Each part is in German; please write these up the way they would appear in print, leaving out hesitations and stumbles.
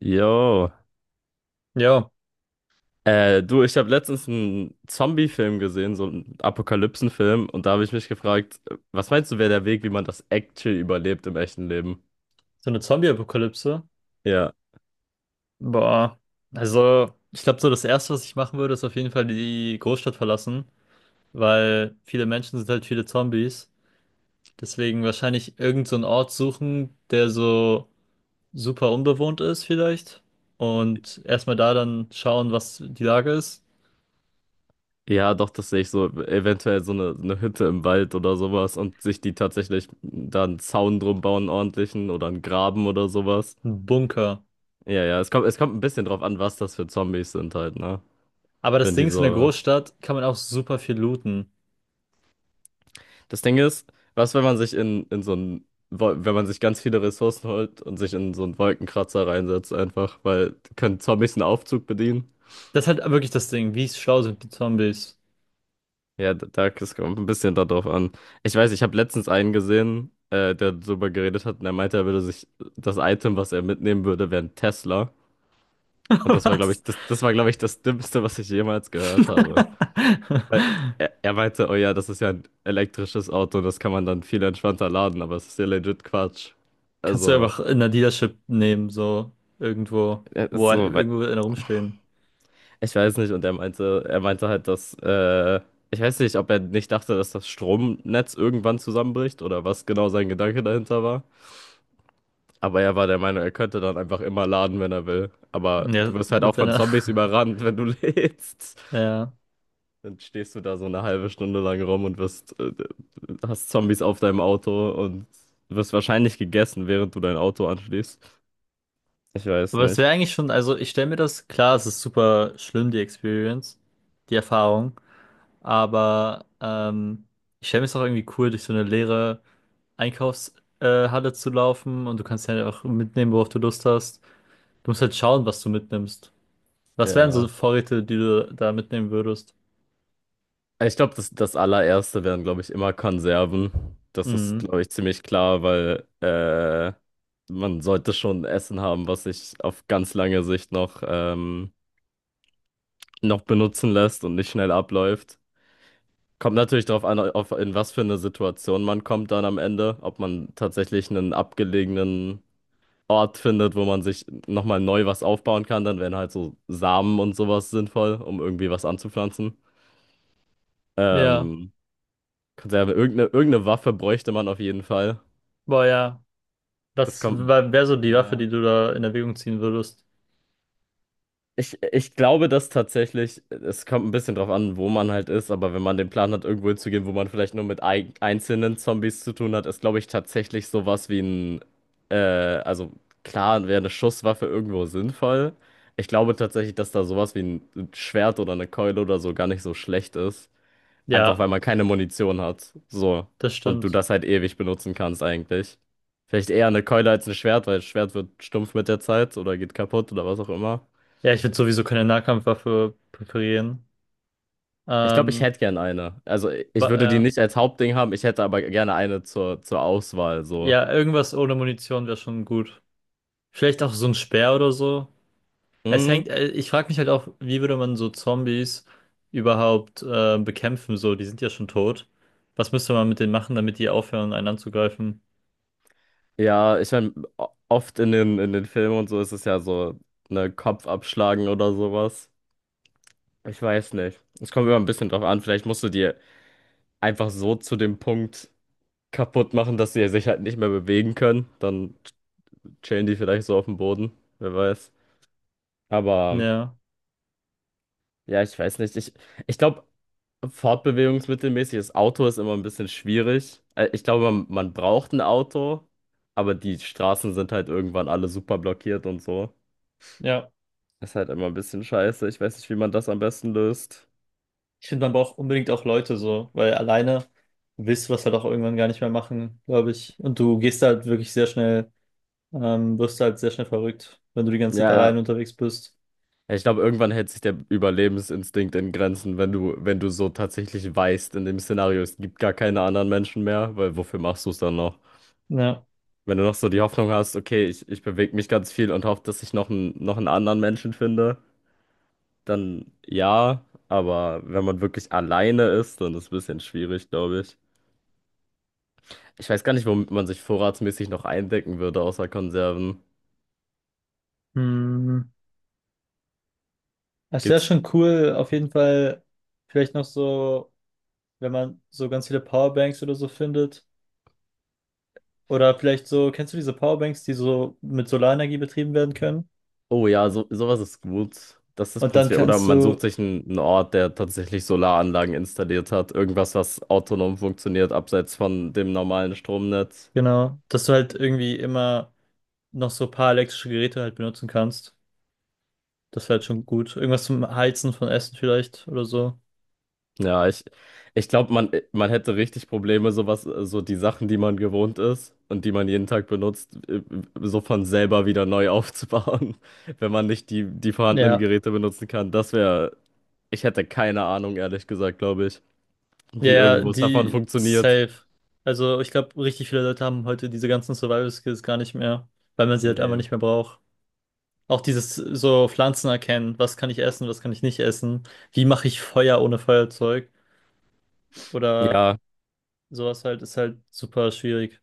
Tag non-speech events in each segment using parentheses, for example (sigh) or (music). Jo. Ja, Du, ich habe letztens einen Zombie-Film gesehen, so einen Apokalypsen-Film, und da habe ich mich gefragt, was meinst du, wäre der Weg, wie man das actually überlebt im echten Leben? so eine Zombie-Apokalypse. Ja. Boah. Also, ich glaube, so das Erste, was ich machen würde, ist auf jeden Fall die Großstadt verlassen, weil viele Menschen sind halt viele Zombies. Deswegen wahrscheinlich irgend so einen Ort suchen, der so super unbewohnt ist vielleicht. Und erstmal da dann schauen, was die Lage ist. Ja, doch, das sehe ich so, eventuell so eine Hütte im Wald oder sowas und sich die tatsächlich da einen Zaun drum bauen, einen ordentlichen oder einen Graben oder sowas. Ein Bunker. Ja, ja, es kommt ein bisschen drauf an, was das für Zombies sind halt, ne? Aber das Wenn die Ding ist, in der so Großstadt kann man auch super viel looten. Das Ding ist, was, wenn man sich wenn man sich ganz viele Ressourcen holt und sich in so einen Wolkenkratzer reinsetzt, einfach, weil können Zombies einen Aufzug bedienen? Das ist halt wirklich das Ding. Wie schlau sind die Zombies? Ja, es kommt ein bisschen darauf an. Ich weiß, ich habe letztens einen gesehen, der darüber geredet hat, und er meinte, er würde sich das Item, was er mitnehmen würde, wäre ein Tesla. Und (laughs) das war, glaube ich, Was? Das war, glaube ich, das Dümmste, was ich jemals gehört habe. Weil (laughs) er meinte, oh ja, das ist ja ein elektrisches Auto, das kann man dann viel entspannter laden, aber es ist ja legit Quatsch. Kannst du Also. einfach in der Dealership nehmen, so irgendwo, Ja, ist so, weil irgendwo wird einer rumstehen. ich weiß nicht, und er meinte, halt, dass ich weiß nicht, ob er nicht dachte, dass das Stromnetz irgendwann zusammenbricht oder was genau sein Gedanke dahinter war. Aber er war der Meinung, er könnte dann einfach immer laden, wenn er will. Aber du Ja, wirst halt mit auch von seiner. Zombies (laughs) überrannt, wenn du (laughs) lädst. Ja. Dann stehst du da so eine halbe Stunde lang rum und hast Zombies auf deinem Auto und wirst wahrscheinlich gegessen, während du dein Auto anschließt. Ich weiß Aber es nicht. wäre eigentlich schon, also ich stelle mir das, klar, es ist super schlimm, die Experience, die Erfahrung, aber ich stelle mir es auch irgendwie cool, durch so eine leere Einkaufshalle Halle zu laufen, und du kannst ja auch mitnehmen, worauf du Lust hast. Du musst halt schauen, was du mitnimmst. Was wären so Ja. Vorräte, die du da mitnehmen würdest? Ich glaube, das allererste wären, glaube ich, immer Konserven. Das ist, Mhm. glaube ich, ziemlich klar, weil man sollte schon Essen haben, was sich auf ganz lange Sicht noch noch benutzen lässt und nicht schnell abläuft. Kommt natürlich darauf an, in was für eine Situation man kommt dann am Ende, ob man tatsächlich einen abgelegenen Ort findet, wo man sich nochmal neu was aufbauen kann, dann wären halt so Samen und sowas sinnvoll, um irgendwie was anzupflanzen. Ja, Ähm, Konserve, irgendeine Waffe bräuchte man auf jeden Fall. boah, ja. Das Das kommt. wäre so die Waffe, Ja. die du da in Erwägung ziehen würdest. Ich glaube, dass tatsächlich, es kommt ein bisschen drauf an, wo man halt ist, aber wenn man den Plan hat, irgendwo hinzugehen, wo man vielleicht nur mit ei einzelnen Zombies zu tun hat, ist, glaube ich, tatsächlich sowas wie ein, äh, also klar, wäre eine Schusswaffe irgendwo sinnvoll. Ich glaube tatsächlich, dass da sowas wie ein Schwert oder eine Keule oder so gar nicht so schlecht ist. Einfach weil Ja, man keine Munition hat. So. das Und du stimmt. das halt ewig benutzen kannst eigentlich. Vielleicht eher eine Keule als ein Schwert, weil das Schwert wird stumpf mit der Zeit oder geht kaputt oder was auch immer. Ja, ich würde sowieso keine Nahkampfwaffe präferieren. Ich glaube, ich Ähm, hätte gern eine. Also ba- ich würde die äh, nicht als Hauptding haben, ich hätte aber gerne eine zur Auswahl. So. ja, irgendwas ohne Munition wäre schon gut. Vielleicht auch so ein Speer oder so. Es hängt, Mhm. Ich frage mich halt auch, wie würde man so Zombies überhaupt bekämpfen? So, die sind ja schon tot. Was müsste man mit denen machen, damit die aufhören, einen anzugreifen? Ja, ich meine, oft in den Filmen und so ist es ja so, ne, Kopf abschlagen oder sowas. Ich weiß nicht. Es kommt immer ein bisschen drauf an. Vielleicht musst du dir einfach so zu dem Punkt kaputt machen, dass sie sich halt nicht mehr bewegen können. Dann chillen die vielleicht so auf dem Boden, wer weiß. Aber Ja, ja, ich weiß nicht. Ich glaube, fortbewegungsmittelmäßig, das Auto ist immer ein bisschen schwierig. Ich glaube, man braucht ein Auto, aber die Straßen sind halt irgendwann alle super blockiert und so. ja. Ist halt immer ein bisschen scheiße. Ich weiß nicht, wie man das am besten löst. Ich finde, man braucht unbedingt auch Leute so, weil alleine willst du das halt auch irgendwann gar nicht mehr machen, glaube ich. Und du gehst halt wirklich sehr schnell, wirst halt sehr schnell verrückt, wenn du die ganze Zeit Ja, alleine ja, unterwegs bist. ja, ich glaube, irgendwann hält sich der Überlebensinstinkt in Grenzen, wenn du, wenn du so tatsächlich weißt, in dem Szenario, es gibt gar keine anderen Menschen mehr, weil wofür machst du es dann noch? Ja. Wenn du noch so die Hoffnung hast, okay, ich bewege mich ganz viel und hoffe, dass ich noch noch einen anderen Menschen finde, dann ja, aber wenn man wirklich alleine ist, dann ist es ein bisschen schwierig, glaube ich. Ich weiß gar nicht, womit man sich vorratsmäßig noch eindecken würde, außer Konserven. Hm. Es wäre Gibt's schon cool, auf jeden Fall, vielleicht noch so, wenn man so ganz viele Powerbanks oder so findet. Oder vielleicht so, kennst du diese Powerbanks, die so mit Solarenergie betrieben werden können? oh ja, so, sowas ist gut. Das ist Und dann prinzipiell. Oder kannst man sucht du, sich einen Ort, der tatsächlich Solaranlagen installiert hat. Irgendwas, was autonom funktioniert, abseits von dem normalen Stromnetz. genau, dass du halt irgendwie immer noch so ein paar elektrische Geräte halt benutzen kannst. Das wäre halt schon gut. Irgendwas zum Heizen von Essen vielleicht oder so. Ja, ich glaube, man hätte richtig Probleme, so die Sachen, die man gewohnt ist und die man jeden Tag benutzt, so von selber wieder neu aufzubauen, (laughs) wenn man nicht die vorhandenen Ja, Geräte benutzen kann. Das wäre, ich hätte keine Ahnung, ehrlich gesagt, glaube ich, wie ja, ja, irgendwo es davon die funktioniert. safe. Also ich glaube, richtig viele Leute haben heute diese ganzen Survival Skills gar nicht mehr, weil man sie halt einfach Nee. nicht mehr braucht. Auch dieses so Pflanzen erkennen, was kann ich essen, was kann ich nicht essen, wie mache ich Feuer ohne Feuerzeug oder Ja, sowas halt, ist halt super schwierig.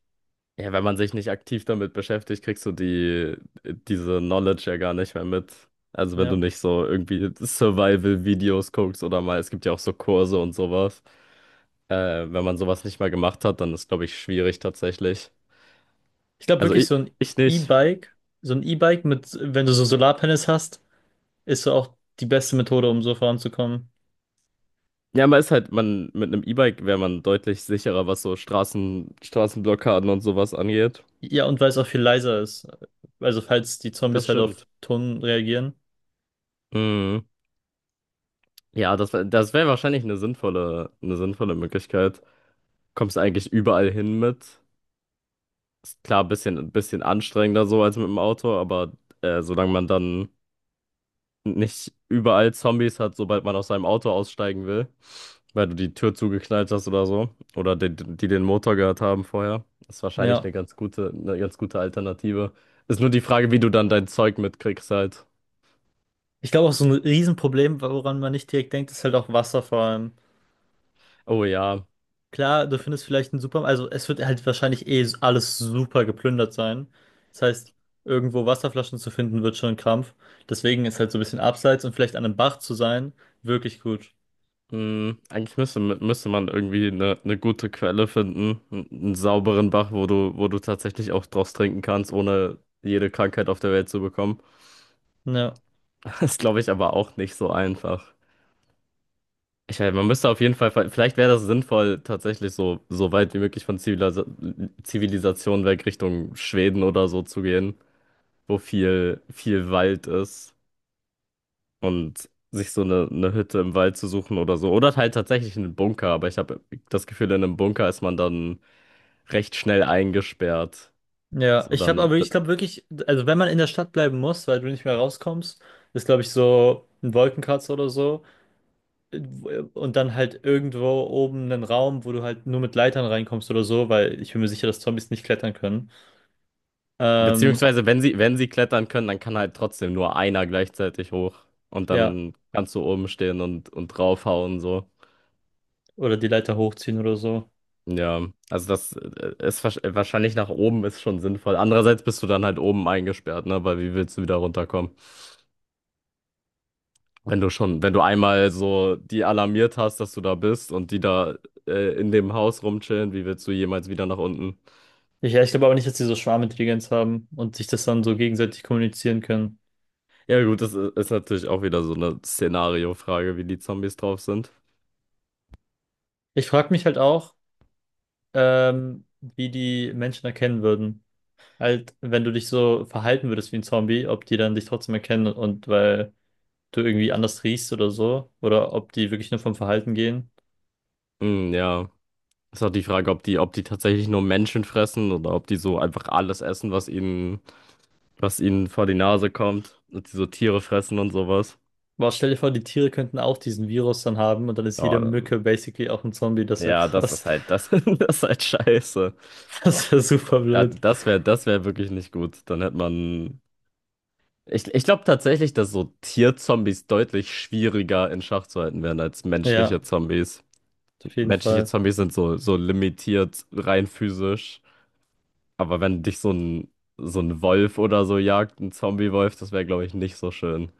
ja, wenn man sich nicht aktiv damit beschäftigt, kriegst du diese Knowledge ja gar nicht mehr mit. Also wenn du Ja. nicht so irgendwie Survival-Videos guckst oder mal, es gibt ja auch so Kurse und sowas. Wenn man sowas nicht mal gemacht hat, dann ist, glaube ich, schwierig tatsächlich. Ich glaube Also wirklich ich nicht. E-Bike, so ein E-Bike mit, wenn du so Solarpanels hast, ist so auch die beste Methode, um so voranzukommen. Ja, man ist halt, man, mit einem E-Bike wäre man deutlich sicherer, was so Straßenblockaden und sowas angeht. Ja, und weil es auch viel leiser ist. Also falls die Das Zombies halt auf stimmt. Ton reagieren. Mhm. Ja, das, das wäre wahrscheinlich eine eine sinnvolle Möglichkeit, kommst eigentlich überall hin mit. Ist klar, ein bisschen anstrengender so als mit dem Auto, aber solange man dann nicht überall Zombies hat, sobald man aus seinem Auto aussteigen will, weil du die Tür zugeknallt hast oder so, oder die den Motor gehört haben vorher, ist wahrscheinlich eine Ja. Eine ganz gute Alternative. Ist nur die Frage, wie du dann dein Zeug mitkriegst halt. Ich glaube auch so ein Riesenproblem, woran man nicht direkt denkt, ist halt auch Wasser vor allem. Oh ja, Klar, du findest vielleicht einen Supermarkt, also es wird halt wahrscheinlich eh alles super geplündert sein. Das heißt, irgendwo Wasserflaschen zu finden, wird schon ein Krampf. Deswegen ist halt so ein bisschen abseits und vielleicht an einem Bach zu sein, wirklich gut. hm, eigentlich müsste man irgendwie eine gute Quelle finden, einen sauberen Bach, wo du tatsächlich auch draus trinken kannst, ohne jede Krankheit auf der Welt zu bekommen. Ja. (laughs) Das glaube ich aber auch nicht so einfach. Ich meine, man müsste auf jeden Fall, vielleicht wäre das sinnvoll, tatsächlich so, so weit wie möglich von Zivilisation weg Richtung Schweden oder so zu gehen, wo viel Wald ist und sich so eine Hütte im Wald zu suchen oder so. Oder halt tatsächlich einen Bunker, aber ich habe das Gefühl, in einem Bunker ist man dann recht schnell eingesperrt. Ja, So, ich habe dann, aber, ich glaube wirklich, also wenn man in der Stadt bleiben muss, weil du nicht mehr rauskommst, ist glaube ich so ein Wolkenkratzer oder so. Und dann halt irgendwo oben einen Raum, wo du halt nur mit Leitern reinkommst oder so, weil ich bin mir sicher, dass Zombies nicht klettern können. Ähm, beziehungsweise, wenn sie, wenn sie klettern können, dann kann halt trotzdem nur einer gleichzeitig hoch. Und ja, dann kannst du oben stehen und draufhauen, so. oder die Leiter hochziehen oder so. Ja, also das ist wahrscheinlich nach oben ist schon sinnvoll. Andererseits bist du dann halt oben eingesperrt, ne? Weil wie willst du wieder runterkommen? Wenn du schon, wenn du einmal so die alarmiert hast, dass du da bist und die da in dem Haus rumchillen, wie willst du jemals wieder nach unten? Ich, ja, ich glaube aber nicht, dass die so Schwarmintelligenz haben und sich das dann so gegenseitig kommunizieren können. Ja, gut, das ist natürlich auch wieder so eine Szenariofrage, wie die Zombies drauf sind. Ich frage mich halt auch, wie die Menschen erkennen würden. Halt, wenn du dich so verhalten würdest wie ein Zombie, ob die dann dich trotzdem erkennen, und weil du irgendwie anders riechst oder so, oder ob die wirklich nur vom Verhalten gehen. Hm, ja. Ist auch die Frage, ob ob die tatsächlich nur Menschen fressen oder ob die so einfach alles essen, was was ihnen vor die Nase kommt. Und die so Tiere fressen und sowas. Boah, stell dir vor, die Tiere könnten auch diesen Virus dann haben und dann ist Ja, jede Mücke basically auch ein Zombie. Das wäre ja, das krass. ist halt, das, (laughs) (laughs) das ist halt scheiße. Das wäre super Da, blöd. das das wäre wirklich nicht gut. Dann hätte man. Ich glaube tatsächlich, dass so Tierzombies deutlich schwieriger in Schach zu halten wären als Ja, menschliche Zombies. auf jeden Menschliche Fall. Zombies sind so, so limitiert rein physisch. Aber wenn dich so ein Wolf oder so jagt, ein Zombie-Wolf, das wäre, glaube ich, nicht so schön.